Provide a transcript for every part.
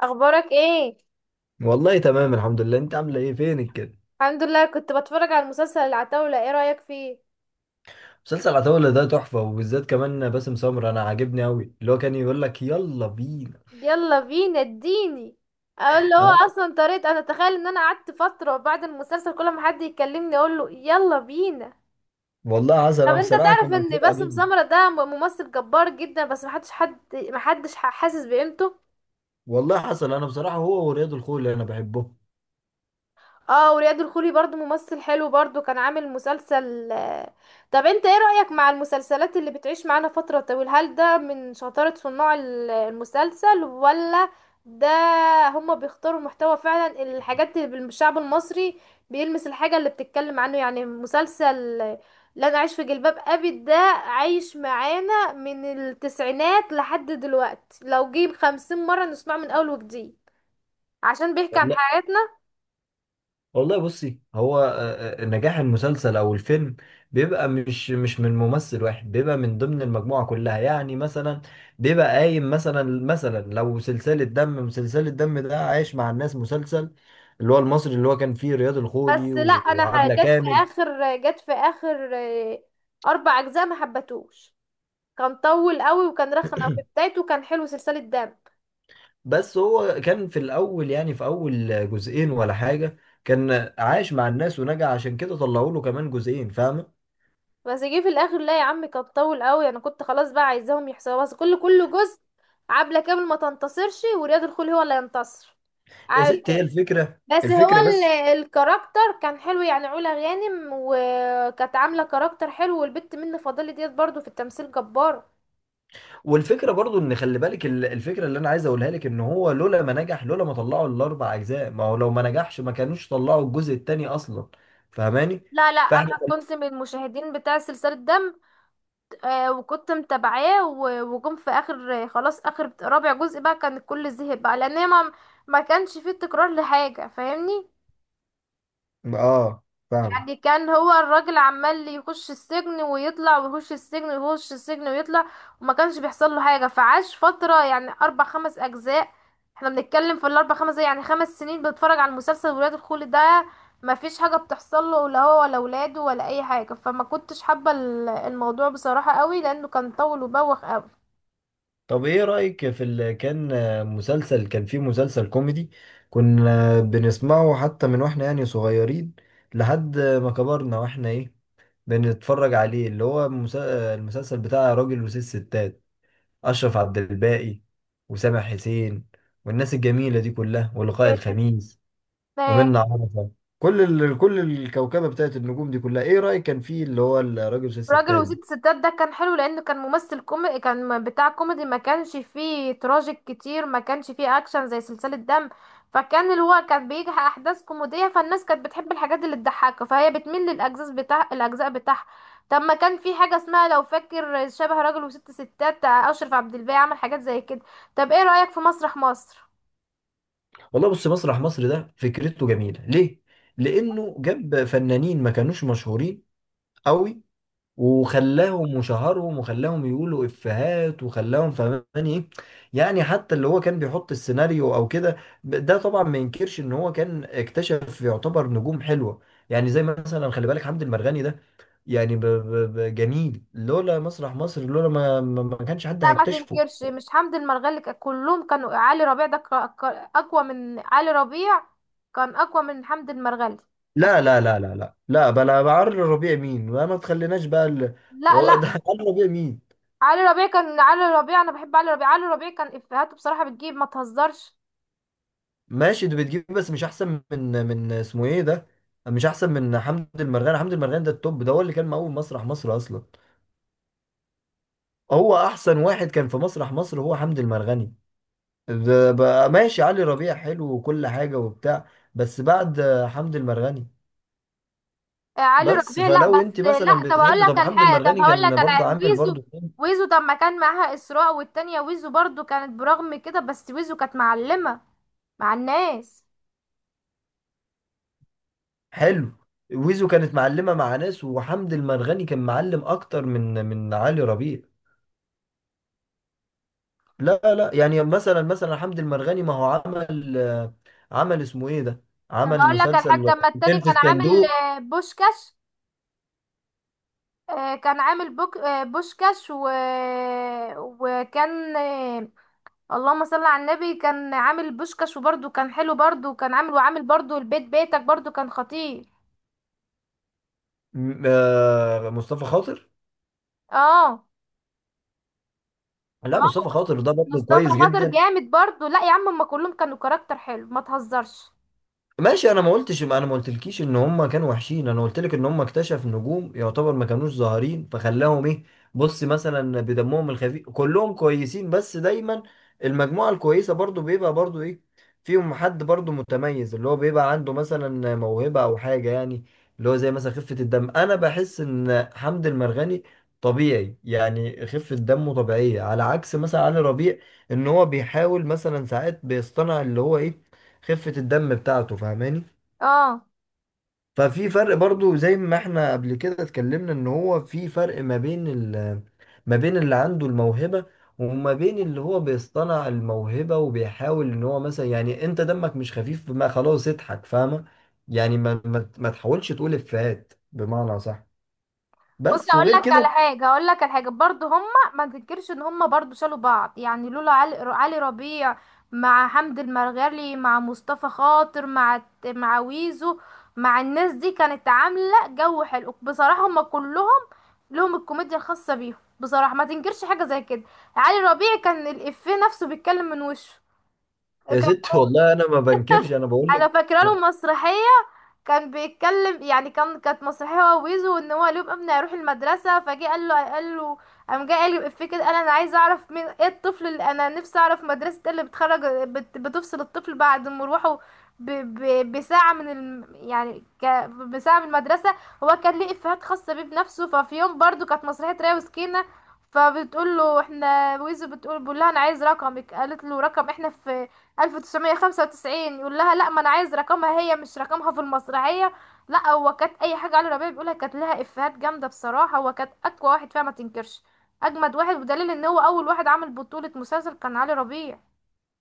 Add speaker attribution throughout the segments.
Speaker 1: اخبارك ايه؟
Speaker 2: والله تمام الحمد لله، انت عامله ايه؟ فينك كده؟
Speaker 1: الحمد لله. كنت بتفرج على المسلسل العتاولة، ايه رأيك فيه؟
Speaker 2: مسلسل عتاولة ده تحفه، وبالذات كمان باسم سمرة انا عاجبني قوي، اللي هو كان يقول لك يلا بينا.
Speaker 1: يلا بينا اديني اقول له. هو
Speaker 2: اه،
Speaker 1: اصلا طريقة، انا اتخيل ان انا قعدت فترة بعد المسلسل، كل ما حد يكلمني اقول له يلا بينا.
Speaker 2: والله حسن
Speaker 1: طب
Speaker 2: انا
Speaker 1: انت
Speaker 2: بصراحه
Speaker 1: تعرف
Speaker 2: كان
Speaker 1: ان
Speaker 2: مكتوب
Speaker 1: باسم
Speaker 2: عاجبني.
Speaker 1: سمرة ده ممثل جبار جدا، بس محدش حد محدش ح- حاسس بقيمته.
Speaker 2: والله حسن انا بصراحه هو ورياض الخولي انا بحبهم.
Speaker 1: اه، ورياض الخولي برضو ممثل حلو، برضو كان عامل مسلسل. طب انت ايه رأيك مع المسلسلات اللي بتعيش معانا فترة طويلة؟ هل ده من شطارة صناع المسلسل، ولا ده هما بيختاروا محتوى فعلا الحاجات اللي بالشعب المصري، بيلمس الحاجة اللي بتتكلم عنه؟ يعني مسلسل. لا، انا عايش في جلباب ابي ده عايش معانا من التسعينات لحد دلوقتي، لو جيب 50 مرة نسمعه من اول وجديد، عشان بيحكي عن
Speaker 2: والله.
Speaker 1: حياتنا.
Speaker 2: والله بصي، هو نجاح المسلسل او الفيلم بيبقى مش من ممثل واحد، بيبقى من ضمن المجموعه كلها، يعني مثلا بيبقى قايم مثلا، لو سلسله دم، مسلسل الدم ده عايش مع الناس، مسلسل اللي هو المصري اللي هو كان فيه رياض الخولي
Speaker 1: بس لا،
Speaker 2: و-
Speaker 1: انا
Speaker 2: وعبلة كامل.
Speaker 1: جت في اخر اربع اجزاء ما حبتوش. كان طول قوي وكان رخم، او في بدايته كان حلو سلسلة دم.
Speaker 2: بس هو كان في الاول، يعني في اول جزئين ولا حاجه، كان عايش مع الناس ونجح، عشان كده طلعوا له كمان جزئين، فاهمه؟
Speaker 1: بس جه في الاخر، لا يا عم كان طول قوي. انا كنت خلاص بقى عايزاهم يحصلوا، بس كل جزء عبلة كامل ما تنتصرش ورياض الخول هو اللي ينتصر،
Speaker 2: يا
Speaker 1: عامل
Speaker 2: ست، هي
Speaker 1: كده.
Speaker 2: الفكره
Speaker 1: بس هو
Speaker 2: الفكره بس.
Speaker 1: الكاركتر كان حلو يعني، علا غانم وكانت عاملة كاركتر حلو، والبت منة فضالي ديت برضو في التمثيل جبارة.
Speaker 2: والفكره برضو، ان خلي بالك الفكره اللي انا عايز اقولها لك، ان هو لولا ما نجح، لولا ما طلعوا الاربع اجزاء، ما هو لو ما نجحش ما كانوش طلعوا الجزء الثاني اصلا. فاهماني؟
Speaker 1: لا لا،
Speaker 2: فاحنا.
Speaker 1: انا كنت من المشاهدين بتاع سلسلة دم. آه، وكنت متابعاه، وجم في اخر، خلاص اخر رابع جزء بقى كان الكل زهق بقى، لان هي ما كانش فيه تكرار لحاجة، فاهمني؟
Speaker 2: اه. فاهم.
Speaker 1: يعني كان هو الراجل عمال يخش السجن ويطلع ويخش السجن ويخش السجن ويطلع، وما كانش بيحصل له حاجة. فعاش فترة يعني اربع خمس اجزاء، احنا بنتكلم في الاربع خمس يعني 5 سنين بنتفرج على المسلسل. ولاد الخول ده ما فيش حاجة بتحصل له، لا هو ولا ولاده ولا اي حاجة، فما كنتش حابة الموضوع بصراحة قوي، لانه كان طول وبوخ قوي.
Speaker 2: طب ايه رايك في اللي كان، مسلسل كان فيه، مسلسل كوميدي كنا بنسمعه حتى من واحنا يعني صغيرين، لحد ما كبرنا واحنا ايه، بنتفرج عليه، اللي هو المسلسل بتاع راجل وست ستات، أشرف عبد الباقي وسامح حسين والناس الجميلة دي كلها، ولقاء الخميس
Speaker 1: آه،
Speaker 2: ومنة عرفة، كل كل الكوكبة بتاعت النجوم دي كلها، إيه رأيك كان فيه اللي هو الراجل وست
Speaker 1: راجل
Speaker 2: ستات ده؟
Speaker 1: وست ستات ده كان حلو لانه كان ممثل كوميدي، كان بتاع كوميدي، ما كانش فيه تراجيك كتير، ما كانش فيه اكشن زي سلسلة دم. فكان اللي هو كان بيجي احداث كوميدية، فالناس كانت بتحب الحاجات اللي تضحكها، فهي بتميل للاجزاء بتاع الاجزاء بتاعها. طب ما كان في حاجة اسمها لو فاكر شبه راجل وست ستات، اشرف عبد الباقي عمل حاجات زي كده. طب ايه رأيك في مسرح مصر؟
Speaker 2: والله بص، مسرح مصر ده فكرته جميلة، ليه؟ لأنه جاب فنانين ما كانوش مشهورين قوي، وخلاهم وشهرهم وخلاهم يقولوا افيهات وخلاهم، فهماني ايه؟ يعني حتى اللي هو كان بيحط السيناريو او كده، ده طبعا ما ينكرش ان هو كان اكتشف يعتبر نجوم حلوة، يعني زي مثلا خلي بالك حمد المرغني ده، يعني ب ب ب جميل، لولا مسرح مصر، لولا ما كانش حد
Speaker 1: لا، ما
Speaker 2: هيكتشفه.
Speaker 1: تنكرش مش حمدي المرغلي كلهم كانوا. علي ربيع ده اقوى من علي ربيع، كان اقوى من حمدي المرغلي. عش...
Speaker 2: لا لا لا لا لا لا، بلا بعر ربيع مين، ما تخليناش بقى
Speaker 1: لا لا.
Speaker 2: ده عمرو ربيع مين.
Speaker 1: علي ربيع كان علي ربيع، انا بحب علي ربيع. علي ربيع كان افهاته بصراحة بتجيب، ما تهزرش.
Speaker 2: ماشي، دي بتجيب بس مش احسن من اسمه ايه ده، مش احسن من حمدي المرغني ده التوب، ده هو اللي كان مقوم مسرح مصر اصلا. هو احسن واحد كان في مسرح مصر هو حمدي المرغني. ده بقى ماشي، علي ربيع حلو وكل حاجة وبتاع، بس بعد حمدي المرغني.
Speaker 1: آه، علي
Speaker 2: بس
Speaker 1: ربيع، لا
Speaker 2: فلو
Speaker 1: بس
Speaker 2: انت
Speaker 1: لا.
Speaker 2: مثلا
Speaker 1: طب هقول
Speaker 2: بتحب،
Speaker 1: لك
Speaker 2: طب
Speaker 1: على
Speaker 2: حمدي
Speaker 1: حاجة، طب
Speaker 2: المرغني
Speaker 1: هقول
Speaker 2: كان
Speaker 1: لك على
Speaker 2: برضو
Speaker 1: حاجة،
Speaker 2: عامل
Speaker 1: ويزو.
Speaker 2: برضو فيلم
Speaker 1: ويزو طب ما كان معاها اسراء والتانية، ويزو برضو كانت برغم كده، بس ويزو كانت معلمة مع الناس.
Speaker 2: حلو. ويزو كانت معلمة مع ناس، وحمدي المرغني كان معلم اكتر من علي ربيع. لا لا، يعني مثلا حمد المرغني ما هو عمل، عمل اسمه ايه ده،
Speaker 1: طب
Speaker 2: عمل
Speaker 1: هقول لك على حاجة.
Speaker 2: مسلسل
Speaker 1: طب ما التاني
Speaker 2: فيلم في
Speaker 1: كان عامل
Speaker 2: الصندوق.
Speaker 1: بوشكاش. كان عامل بوك بوشكاش وكان اللهم صل على النبي، كان عامل بوشكاش وبرده كان حلو، برده كان عامل، وعامل برده البيت بيتك برده كان خطير.
Speaker 2: مصطفى خاطر.
Speaker 1: اه. اه،
Speaker 2: لا، مصطفى خاطر ده برضه
Speaker 1: مصطفى
Speaker 2: كويس
Speaker 1: خاطر
Speaker 2: جدا.
Speaker 1: جامد برده. لا يا عم هما كلهم كانوا كاركتر حلو، ما تهزرش.
Speaker 2: ماشي، انا ما قلتش، ما انا ما قلتلكيش ان هم كانوا وحشين، انا قلت لك ان هم اكتشف نجوم يعتبر ما كانوش ظاهرين فخلاهم ايه. بص مثلا بدمهم الخفيف كلهم كويسين، بس دايما المجموعة الكويسة برضو بيبقى برضو ايه، فيهم حد برضو متميز، اللي هو بيبقى عنده مثلا موهبة او حاجة يعني، اللي هو زي مثلا خفة الدم، انا بحس ان حمد المرغني طبيعي، يعني خفة دمه طبيعية، على عكس مثلا علي ربيع، ان هو بيحاول مثلا ساعات بيصطنع اللي هو ايه، خفة الدم بتاعته، فاهماني؟
Speaker 1: اه.
Speaker 2: ففي فرق برضو، زي ما احنا قبل كده اتكلمنا ان هو في فرق ما بين ما بين اللي عنده الموهبة، وما بين اللي هو بيصطنع الموهبة وبيحاول ان هو مثلا، يعني انت دمك مش خفيف، ما خلاص اضحك، فاهمة؟ يعني ما تحاولش تقول افيهات بمعنى صح،
Speaker 1: بص،
Speaker 2: بس،
Speaker 1: اقول
Speaker 2: وغير
Speaker 1: لك على
Speaker 2: كده.
Speaker 1: حاجه اقول لك على حاجه، برضو هما ما تنكرش ان هما برضو شالوا بعض، يعني لولا علي ربيع مع حمد المرغلي مع مصطفى خاطر مع مع ويزو مع الناس دي، كانت عامله جو حلو بصراحه. هما كلهم لهم الكوميديا الخاصه بيهم بصراحه، ما تنكرش حاجه زي كده. علي ربيع كان الافيه نفسه بيتكلم من وشه،
Speaker 2: يا
Speaker 1: كان.
Speaker 2: ست، والله انا ما بنكرش، انا بقول
Speaker 1: انا
Speaker 2: لك،
Speaker 1: فاكره له مسرحيه، كان بيتكلم يعني، كانت مسرحيه هو ويزو، ان هو اليوم ابني هيروح المدرسه، فجه قال له قال له قام جه قال لي الإفيه كده، قال انا عايز اعرف مين، ايه الطفل اللي انا نفسي اعرف مدرسه إيه اللي بتخرج، بت بتفصل الطفل بعد مروحه ب ب بساعه من الم يعني بساعه من المدرسه. هو كان ليه افيهات خاصه بيه بنفسه. ففي يوم برضو كانت مسرحيه ريا وسكينه، فبتقول له احنا ويزو بتقول، بقول لها انا عايز رقمك، قالت له رقم، احنا في 1995، يقول لها لا ما انا عايز رقمها هي، مش رقمها في المسرحية. لا، هو كانت اي حاجة علي ربيع بيقولها كانت لها افيهات جامدة بصراحة. هو كانت اقوى واحد فيها، ما تنكرش. اجمد واحد بدليل ان هو اول واحد عمل بطولة مسلسل كان علي ربيع.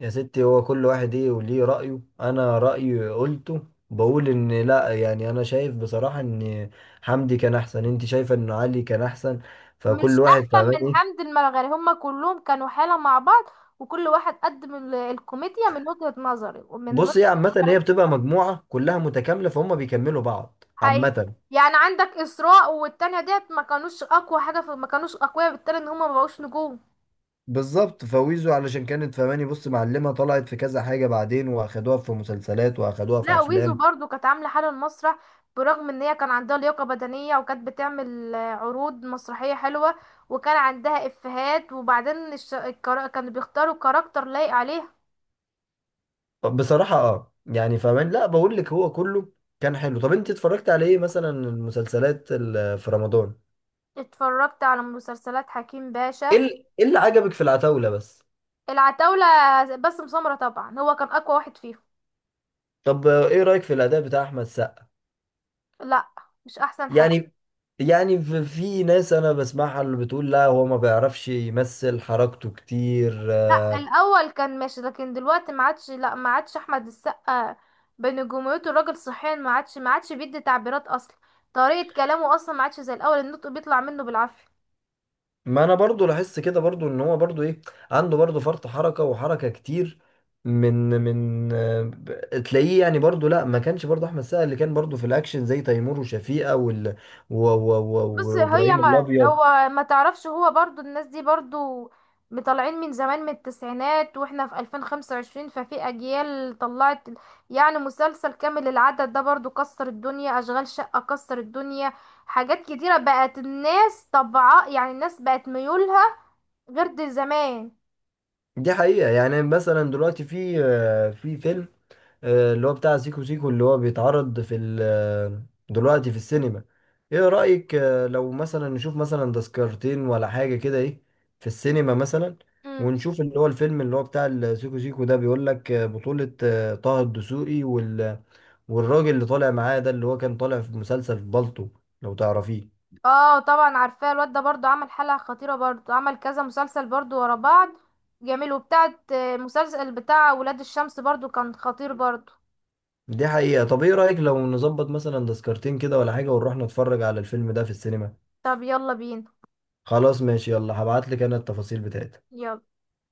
Speaker 2: يا ستي هو كل واحد ايه وليه رأيه، انا رأيي قلته، بقول ان لا يعني انا شايف بصراحة ان حمدي كان احسن، انت شايفة ان علي كان احسن، فكل
Speaker 1: مش
Speaker 2: واحد
Speaker 1: احسن
Speaker 2: فاهمان
Speaker 1: من
Speaker 2: ايه.
Speaker 1: حمد المرغني، هما كلهم كانوا حالة مع بعض، وكل واحد قدم الكوميديا من وجهة نظري ومن
Speaker 2: بص ايه عامة،
Speaker 1: وجهة.
Speaker 2: هي بتبقى مجموعة كلها متكاملة، فهم بيكملوا بعض
Speaker 1: حقيقي.
Speaker 2: عامة.
Speaker 1: يعني عندك اسراء والتانية ديت ما كانوش اقوى حاجة في، ما كانوش اقوياء بالتالي ان هما ما بقوش نجوم.
Speaker 2: بالظبط، فويزو علشان كانت، فهماني بص، معلمة طلعت في كذا حاجة، بعدين واخدوها في مسلسلات واخدوها في
Speaker 1: لا، ويزو
Speaker 2: افلام.
Speaker 1: برضو كانت عاملة حالة المسرح، برغم ان هي كان عندها لياقة بدنية، وكانت بتعمل عروض مسرحية حلوة، وكان عندها افيهات. وبعدين كانوا بيختاروا كاركتر لايق عليه.
Speaker 2: بصراحة اه يعني، فهمان؟ لا بقول لك هو كله كان حلو. طب انت اتفرجت على ايه مثلا المسلسلات في رمضان؟
Speaker 1: اتفرجت على مسلسلات حكيم باشا.
Speaker 2: إيه اللي عجبك في العتاولة بس؟
Speaker 1: العتاولة، باسم سمرة طبعا هو كان اقوى واحد فيهم.
Speaker 2: طب، ايه رأيك في الأداء بتاع أحمد سقا؟
Speaker 1: لا، مش احسن حاجة.
Speaker 2: يعني يعني في ناس انا بسمعها اللي بتقول لا هو ما بيعرفش يمثل، حركته كتير
Speaker 1: لا،
Speaker 2: آه،.
Speaker 1: الاول كان ماشي لكن دلوقتي ما عادش، لا ما عادش احمد السقا بنجوميته، الراجل صحيا ما عادش، ما عادش بيدي تعبيرات اصلا، طريقة كلامه اصلا ما عادش زي الاول، النطق بيطلع منه بالعافية.
Speaker 2: ما انا برضو لاحظت كده برضو ان هو برضو ايه، عنده برضو فرط حركة وحركة كتير، تلاقيه يعني برضو، لا ما كانش برضو احمد سقا اللي كان برضو في الاكشن زي تيمور وشفيقة وال و- و-
Speaker 1: بص
Speaker 2: و-
Speaker 1: هي،
Speaker 2: وابراهيم
Speaker 1: ما
Speaker 2: الابيض.
Speaker 1: هو ما تعرفش، هو برضو الناس دي برضو مطلعين من زمان من التسعينات واحنا في 2025، ففي اجيال طلعت. يعني مسلسل كامل العدد ده برضو كسر الدنيا، اشغال شقة كسر الدنيا، حاجات كتيرة بقت. الناس طبعا يعني الناس بقت ميولها غير دي زمان.
Speaker 2: دي حقيقة، يعني مثلا دلوقتي في فيلم، اللي هو بتاع سيكو سيكو، اللي هو بيتعرض في ال- آه، دلوقتي في السينما. ايه رأيك، لو مثلا نشوف مثلا تذكرتين ولا حاجة كده، ايه، في السينما مثلا،
Speaker 1: امم
Speaker 2: ونشوف اللي هو الفيلم اللي هو بتاع السيكو سيكو ده، بيقول لك بطولة طه الدسوقي والراجل اللي طالع معاه ده، اللي هو كان طالع في مسلسل في بالطو، لو تعرفيه.
Speaker 1: اه، طبعا عارفاه. الواد ده برضو عمل حلقة خطيرة، برضو عمل كذا مسلسل برضو ورا بعض، جميل. وبتاعت مسلسل بتاع ولاد الشمس برضو كان خطير برضو.
Speaker 2: دي حقيقة. طب ايه رأيك لو نظبط مثلا تذكرتين كده ولا حاجة ونروح نتفرج على الفيلم ده في السينما؟
Speaker 1: طب يلا بينا.
Speaker 2: خلاص ماشي، يلا هبعت لك انا التفاصيل بتاعتي.
Speaker 1: يلا